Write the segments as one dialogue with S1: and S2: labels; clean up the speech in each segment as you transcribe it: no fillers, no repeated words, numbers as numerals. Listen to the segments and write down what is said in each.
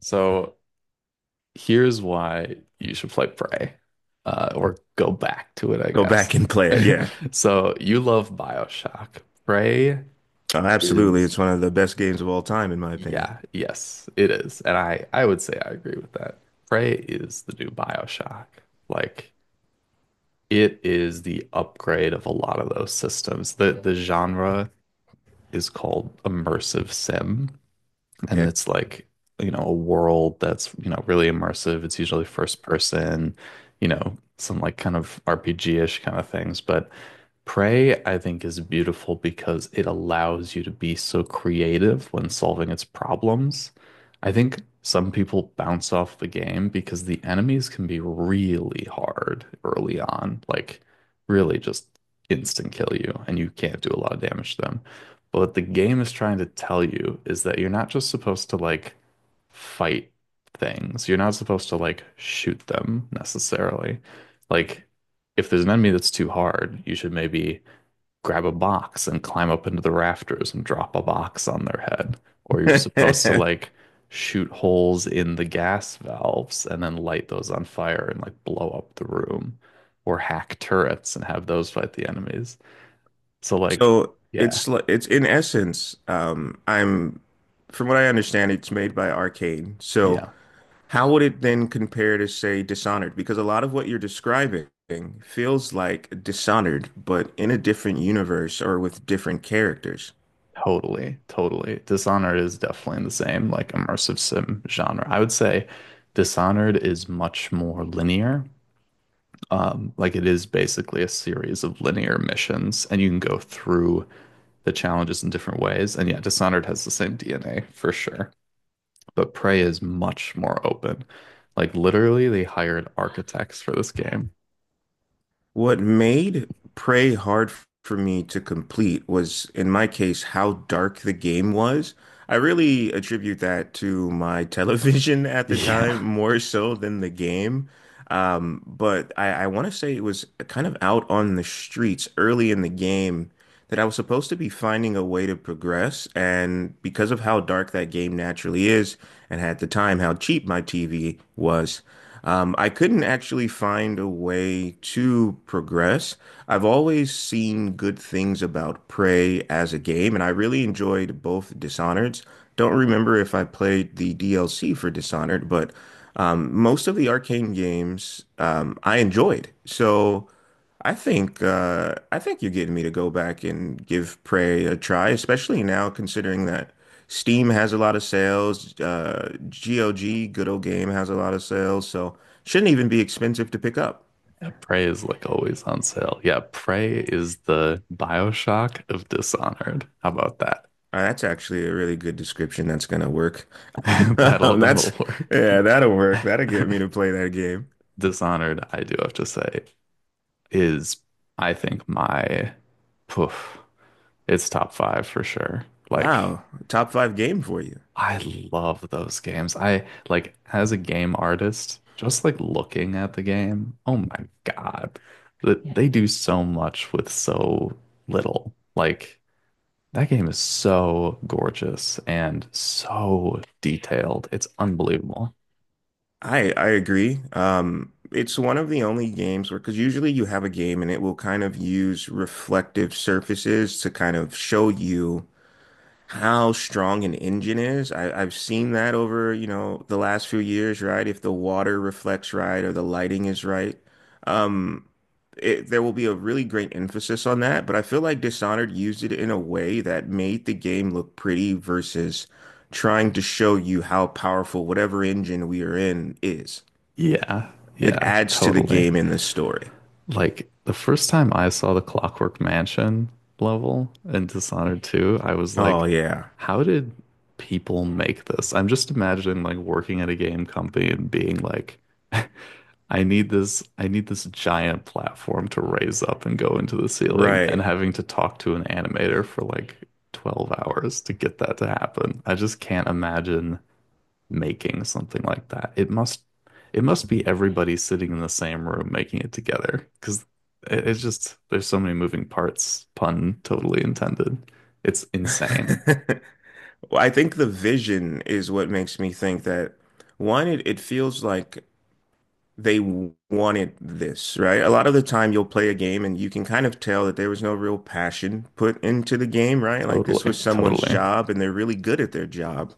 S1: So here's why you should play Prey, or go back to it, I
S2: Go
S1: guess.
S2: back and play it. Yeah.
S1: So you love BioShock. Prey
S2: Absolutely.
S1: is,
S2: It's one of the best games of all time, in my opinion.
S1: yeah, yes, it is. And I would say I agree with that. Prey is the new BioShock. Like it is the upgrade of a lot of those systems. The genre is called immersive sim. And
S2: Okay.
S1: it's like a world that's really immersive. It's usually first person, some like kind of RPG-ish kind of things. But Prey, I think, is beautiful because it allows you to be so creative when solving its problems. I think some people bounce off the game because the enemies can be really hard early on, like really just instant kill you, and you can't do a lot of damage to them. But what the game is trying to tell you is that you're not just supposed to like fight things. You're not supposed to like shoot them necessarily. Like, if there's an enemy that's too hard, you should maybe grab a box and climb up into the rafters and drop a box on their head. Or you're supposed to like shoot holes in the gas valves and then light those on fire and like blow up the room. Or hack turrets and have those fight the enemies. So, like,
S2: So
S1: yeah.
S2: it's in essence, I'm from what I understand, it's made by Arcane. So
S1: Yeah.
S2: how would it then compare to, say, Dishonored? Because a lot of what you're describing feels like Dishonored, but in a different universe or with different characters.
S1: Totally, totally. Dishonored is definitely in the same like immersive sim genre. I would say Dishonored is much more linear. Like it is basically a series of linear missions, and you can go through the challenges in different ways. And yeah, Dishonored has the same DNA for sure. But Prey is much more open. Like literally, they hired architects for this game.
S2: What made Prey for me to complete was, in my case, how dark the game was. I really attribute that to my television at the
S1: Yeah.
S2: time more so than the game. But I want to say it was kind of out on the streets early in the game that I was supposed to be finding a way to progress. And because of how dark that game naturally is, and at the time how cheap my TV was, I couldn't actually find a way to progress. I've always seen good things about Prey as a game, and I really enjoyed both Dishonored's. Don't remember if I played the DLC for Dishonored, but. Most of the arcane games I enjoyed. So I think you're getting me to go back and give Prey a try, especially now considering that Steam has a lot of sales. GOG, Good Old Game, has a lot of sales, so shouldn't even be expensive to pick up.
S1: Prey is like always on sale. Yeah, Prey is the BioShock of Dishonored. How about that?
S2: That's actually a really good description. That's gonna work.
S1: That'll
S2: That's
S1: that'll work.
S2: Yeah, that'll work. That'll get me to play that game.
S1: Dishonored, I do have to say, is I think my poof, it's top five for sure. Like
S2: Wow, top five game for you.
S1: I love those games. I like as a game artist, just like looking at the game, oh my God. Yeah. That Yeah, they do so much with so little. Like that game is so gorgeous and so detailed. It's unbelievable.
S2: I agree. It's one of the only games where, because usually you have a game and it will kind of use reflective surfaces to kind of show you how strong an engine is. I've seen that over, you know, the last few years, right? If the water reflects right or the lighting is right, um, it, there will be a really great emphasis on that. But I feel like Dishonored used it in a way that made the game look pretty versus trying to show you how powerful whatever engine we are in is.
S1: Yeah,
S2: It
S1: yeah,
S2: adds to the
S1: totally.
S2: game in this story.
S1: Like the first time I saw the Clockwork Mansion level in Dishonored 2, I was
S2: Oh
S1: like,
S2: yeah,
S1: how did people make this? I'm just imagining like working at a game company and being like, I need this giant platform to raise up and go into the ceiling, and
S2: right.
S1: having to talk to an animator for like 12 hours to get that to happen. I just can't imagine making something like that. It must be everybody sitting in the same room making it together, because it's just there's so many moving parts, pun totally intended. It's insane.
S2: Well, I think the vision is what makes me think that one, it feels like they wanted this, right? A lot of the time you'll play a game and you can kind of tell that there was no real passion put into the game, right? Like this
S1: Totally,
S2: was someone's
S1: totally.
S2: job and they're really good at their job.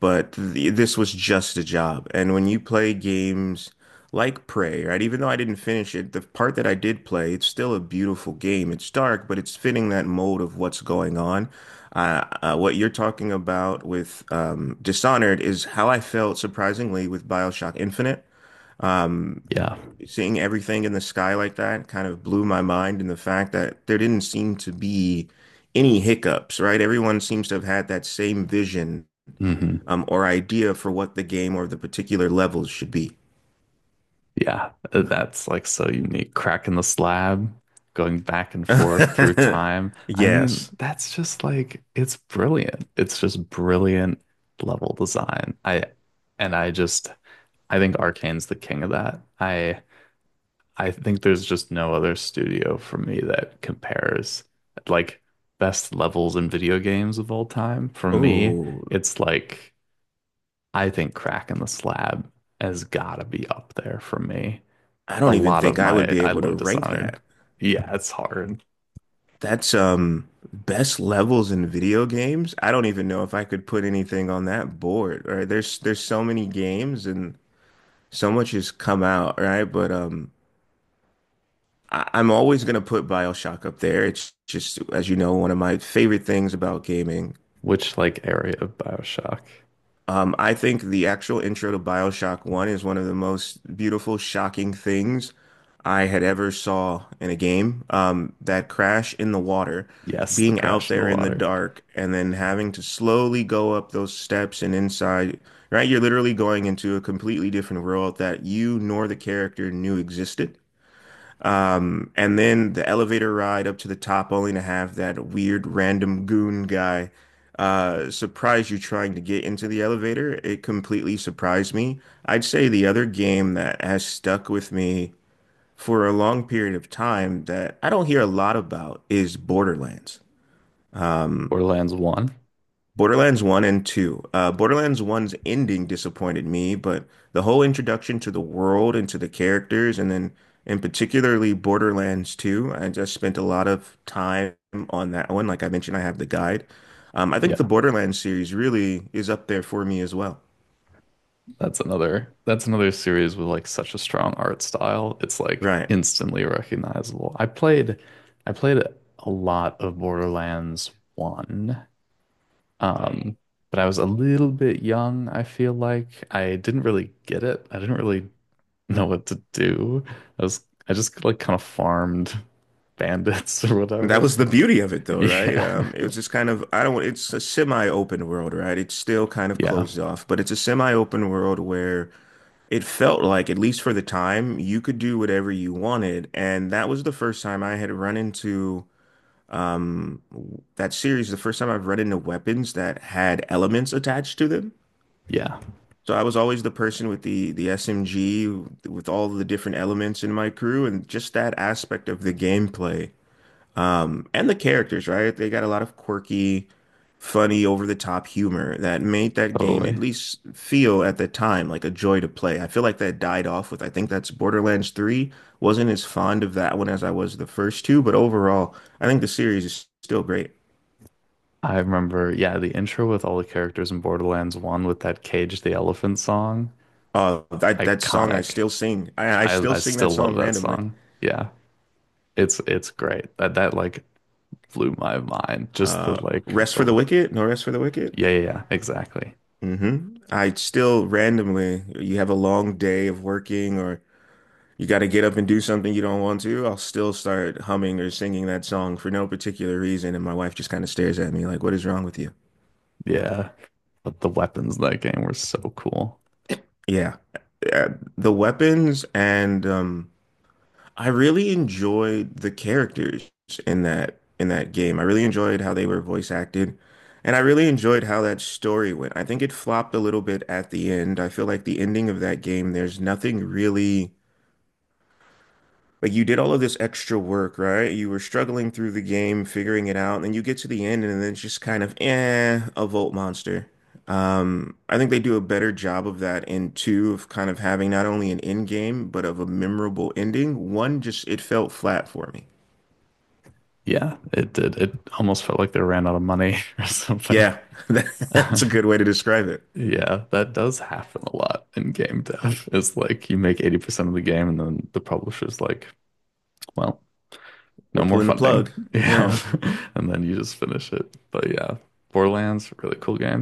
S2: But th this was just a job. And when you play games like Prey, right? Even though I didn't finish it, the part that I did play, it's still a beautiful game. It's dark, but it's fitting that mold of what's going on. What you're talking about with Dishonored is how I felt surprisingly with BioShock Infinite. Um,
S1: Yeah.
S2: Seeing everything in the sky like that kind of blew my mind, and the fact that there didn't seem to be any hiccups, right? Everyone seems to have had that same vision
S1: Hmm.
S2: or idea for what the game or the particular levels should be.
S1: Yeah. That's like so unique. Cracking the slab, going back and forth through time. I mean,
S2: Yes.
S1: that's just like it's brilliant. It's just brilliant level design. I and I just I think Arcane's the king of that. I think there's just no other studio for me that compares, like best levels in video games of all time. For me,
S2: Oh,
S1: it's like I think Crack in the Slab has gotta be up there for me.
S2: I
S1: A
S2: don't even
S1: lot
S2: think
S1: of
S2: I would
S1: my
S2: be
S1: I
S2: able to
S1: love
S2: rank that.
S1: Dishonored. Yeah, it's hard.
S2: That's Best levels in video games. I don't even know if I could put anything on that board. Right? There's so many games and so much has come out, right? But I, I'm always gonna put BioShock up there. It's just, as you know, one of my favorite things about gaming.
S1: Which like area of BioShock?
S2: I think the actual intro to BioShock 1 is one of the most beautiful, shocking things I had ever saw in a game. That crash in the water,
S1: Yes, the
S2: being out
S1: crash in the
S2: there in the
S1: water.
S2: dark, and then having to slowly go up those steps and inside, right? You're literally going into a completely different world that you nor the character knew existed. And then the elevator ride up to the top, only to have that weird random goon guy surprise you trying to get into the elevator. It completely surprised me. I'd say the other game that has stuck with me for a long period of time that I don't hear a lot about is Borderlands. Um,
S1: Borderlands 1.
S2: Borderlands 1 and 2. Borderlands 1's ending disappointed me, but the whole introduction to the world and to the characters, and then in particularly Borderlands 2, I just spent a lot of time on that one. Like I mentioned, I have the guide. I think the
S1: Yeah.
S2: Borderlands series really is up there for me as well.
S1: That's another series with like such a strong art style. It's like
S2: Right.
S1: instantly recognizable. I played a lot of Borderlands 1. Mm. But I was a little bit young, I feel like. I didn't really get it. I didn't really know what to do. I just like kind of farmed bandits or
S2: And that
S1: whatever.
S2: was the beauty of it though, right?
S1: Yeah.
S2: It was just kind of, I don't, it's a semi-open world, right? It's still kind of
S1: Yeah.
S2: closed off, but it's a semi-open world where it felt like, at least for the time, you could do whatever you wanted. And that was the first time I had run into that series, the first time I've run into weapons that had elements attached to them.
S1: Yeah.
S2: So I was always the person with the SMG with all the different elements in my crew, and just that aspect of the gameplay and the characters, right? They got a lot of quirky, funny, over-the-top humor that made that game at
S1: Totally.
S2: least feel at the time like a joy to play. I feel like that died off with, I think that's Borderlands 3. Wasn't as fond of that one as I was the first two, but overall, I think the series is still great.
S1: I remember, yeah, the intro with all the characters in Borderlands 1 with that Cage the Elephant song.
S2: That that song I
S1: Iconic.
S2: still sing. I
S1: I
S2: still
S1: I
S2: sing that
S1: still
S2: song
S1: love that
S2: randomly.
S1: song. Yeah. It's great. That like blew my mind. Just
S2: Uh,
S1: the like
S2: Rest for
S1: the
S2: the Wicked, no rest for the wicked.
S1: yeah, yeah, yeah, exactly.
S2: Hmm. I still randomly, you have a long day of working or you got to get up and do something you don't want to, I'll still start humming or singing that song for no particular reason. And my wife just kind of stares at me like, what is wrong with you?
S1: Yeah. But the weapons in that game were so cool.
S2: Yeah. Uh, The weapons and I really enjoyed the characters in that game. I really enjoyed how they were voice acted. And I really enjoyed how that story went. I think it flopped a little bit at the end. I feel like the ending of that game, there's nothing really like you did all of this extra work, right? You were struggling through the game, figuring it out, and then you get to the end, and then it's just kind of eh, a Volt monster. I think they do a better job of that in two of kind of having not only an end game, but of a memorable ending. One just it felt flat for me.
S1: Yeah, it did. It almost felt like they ran out of money or something.
S2: Yeah, that's a good way to describe it.
S1: Yeah, that does happen a lot in game dev. It's like you make 80% of the game and then the publisher's like, well, no
S2: We're
S1: more
S2: pulling the
S1: funding.
S2: plug.
S1: Yeah.
S2: Yeah.
S1: And then you just finish it. But yeah, Borderlands, really cool game.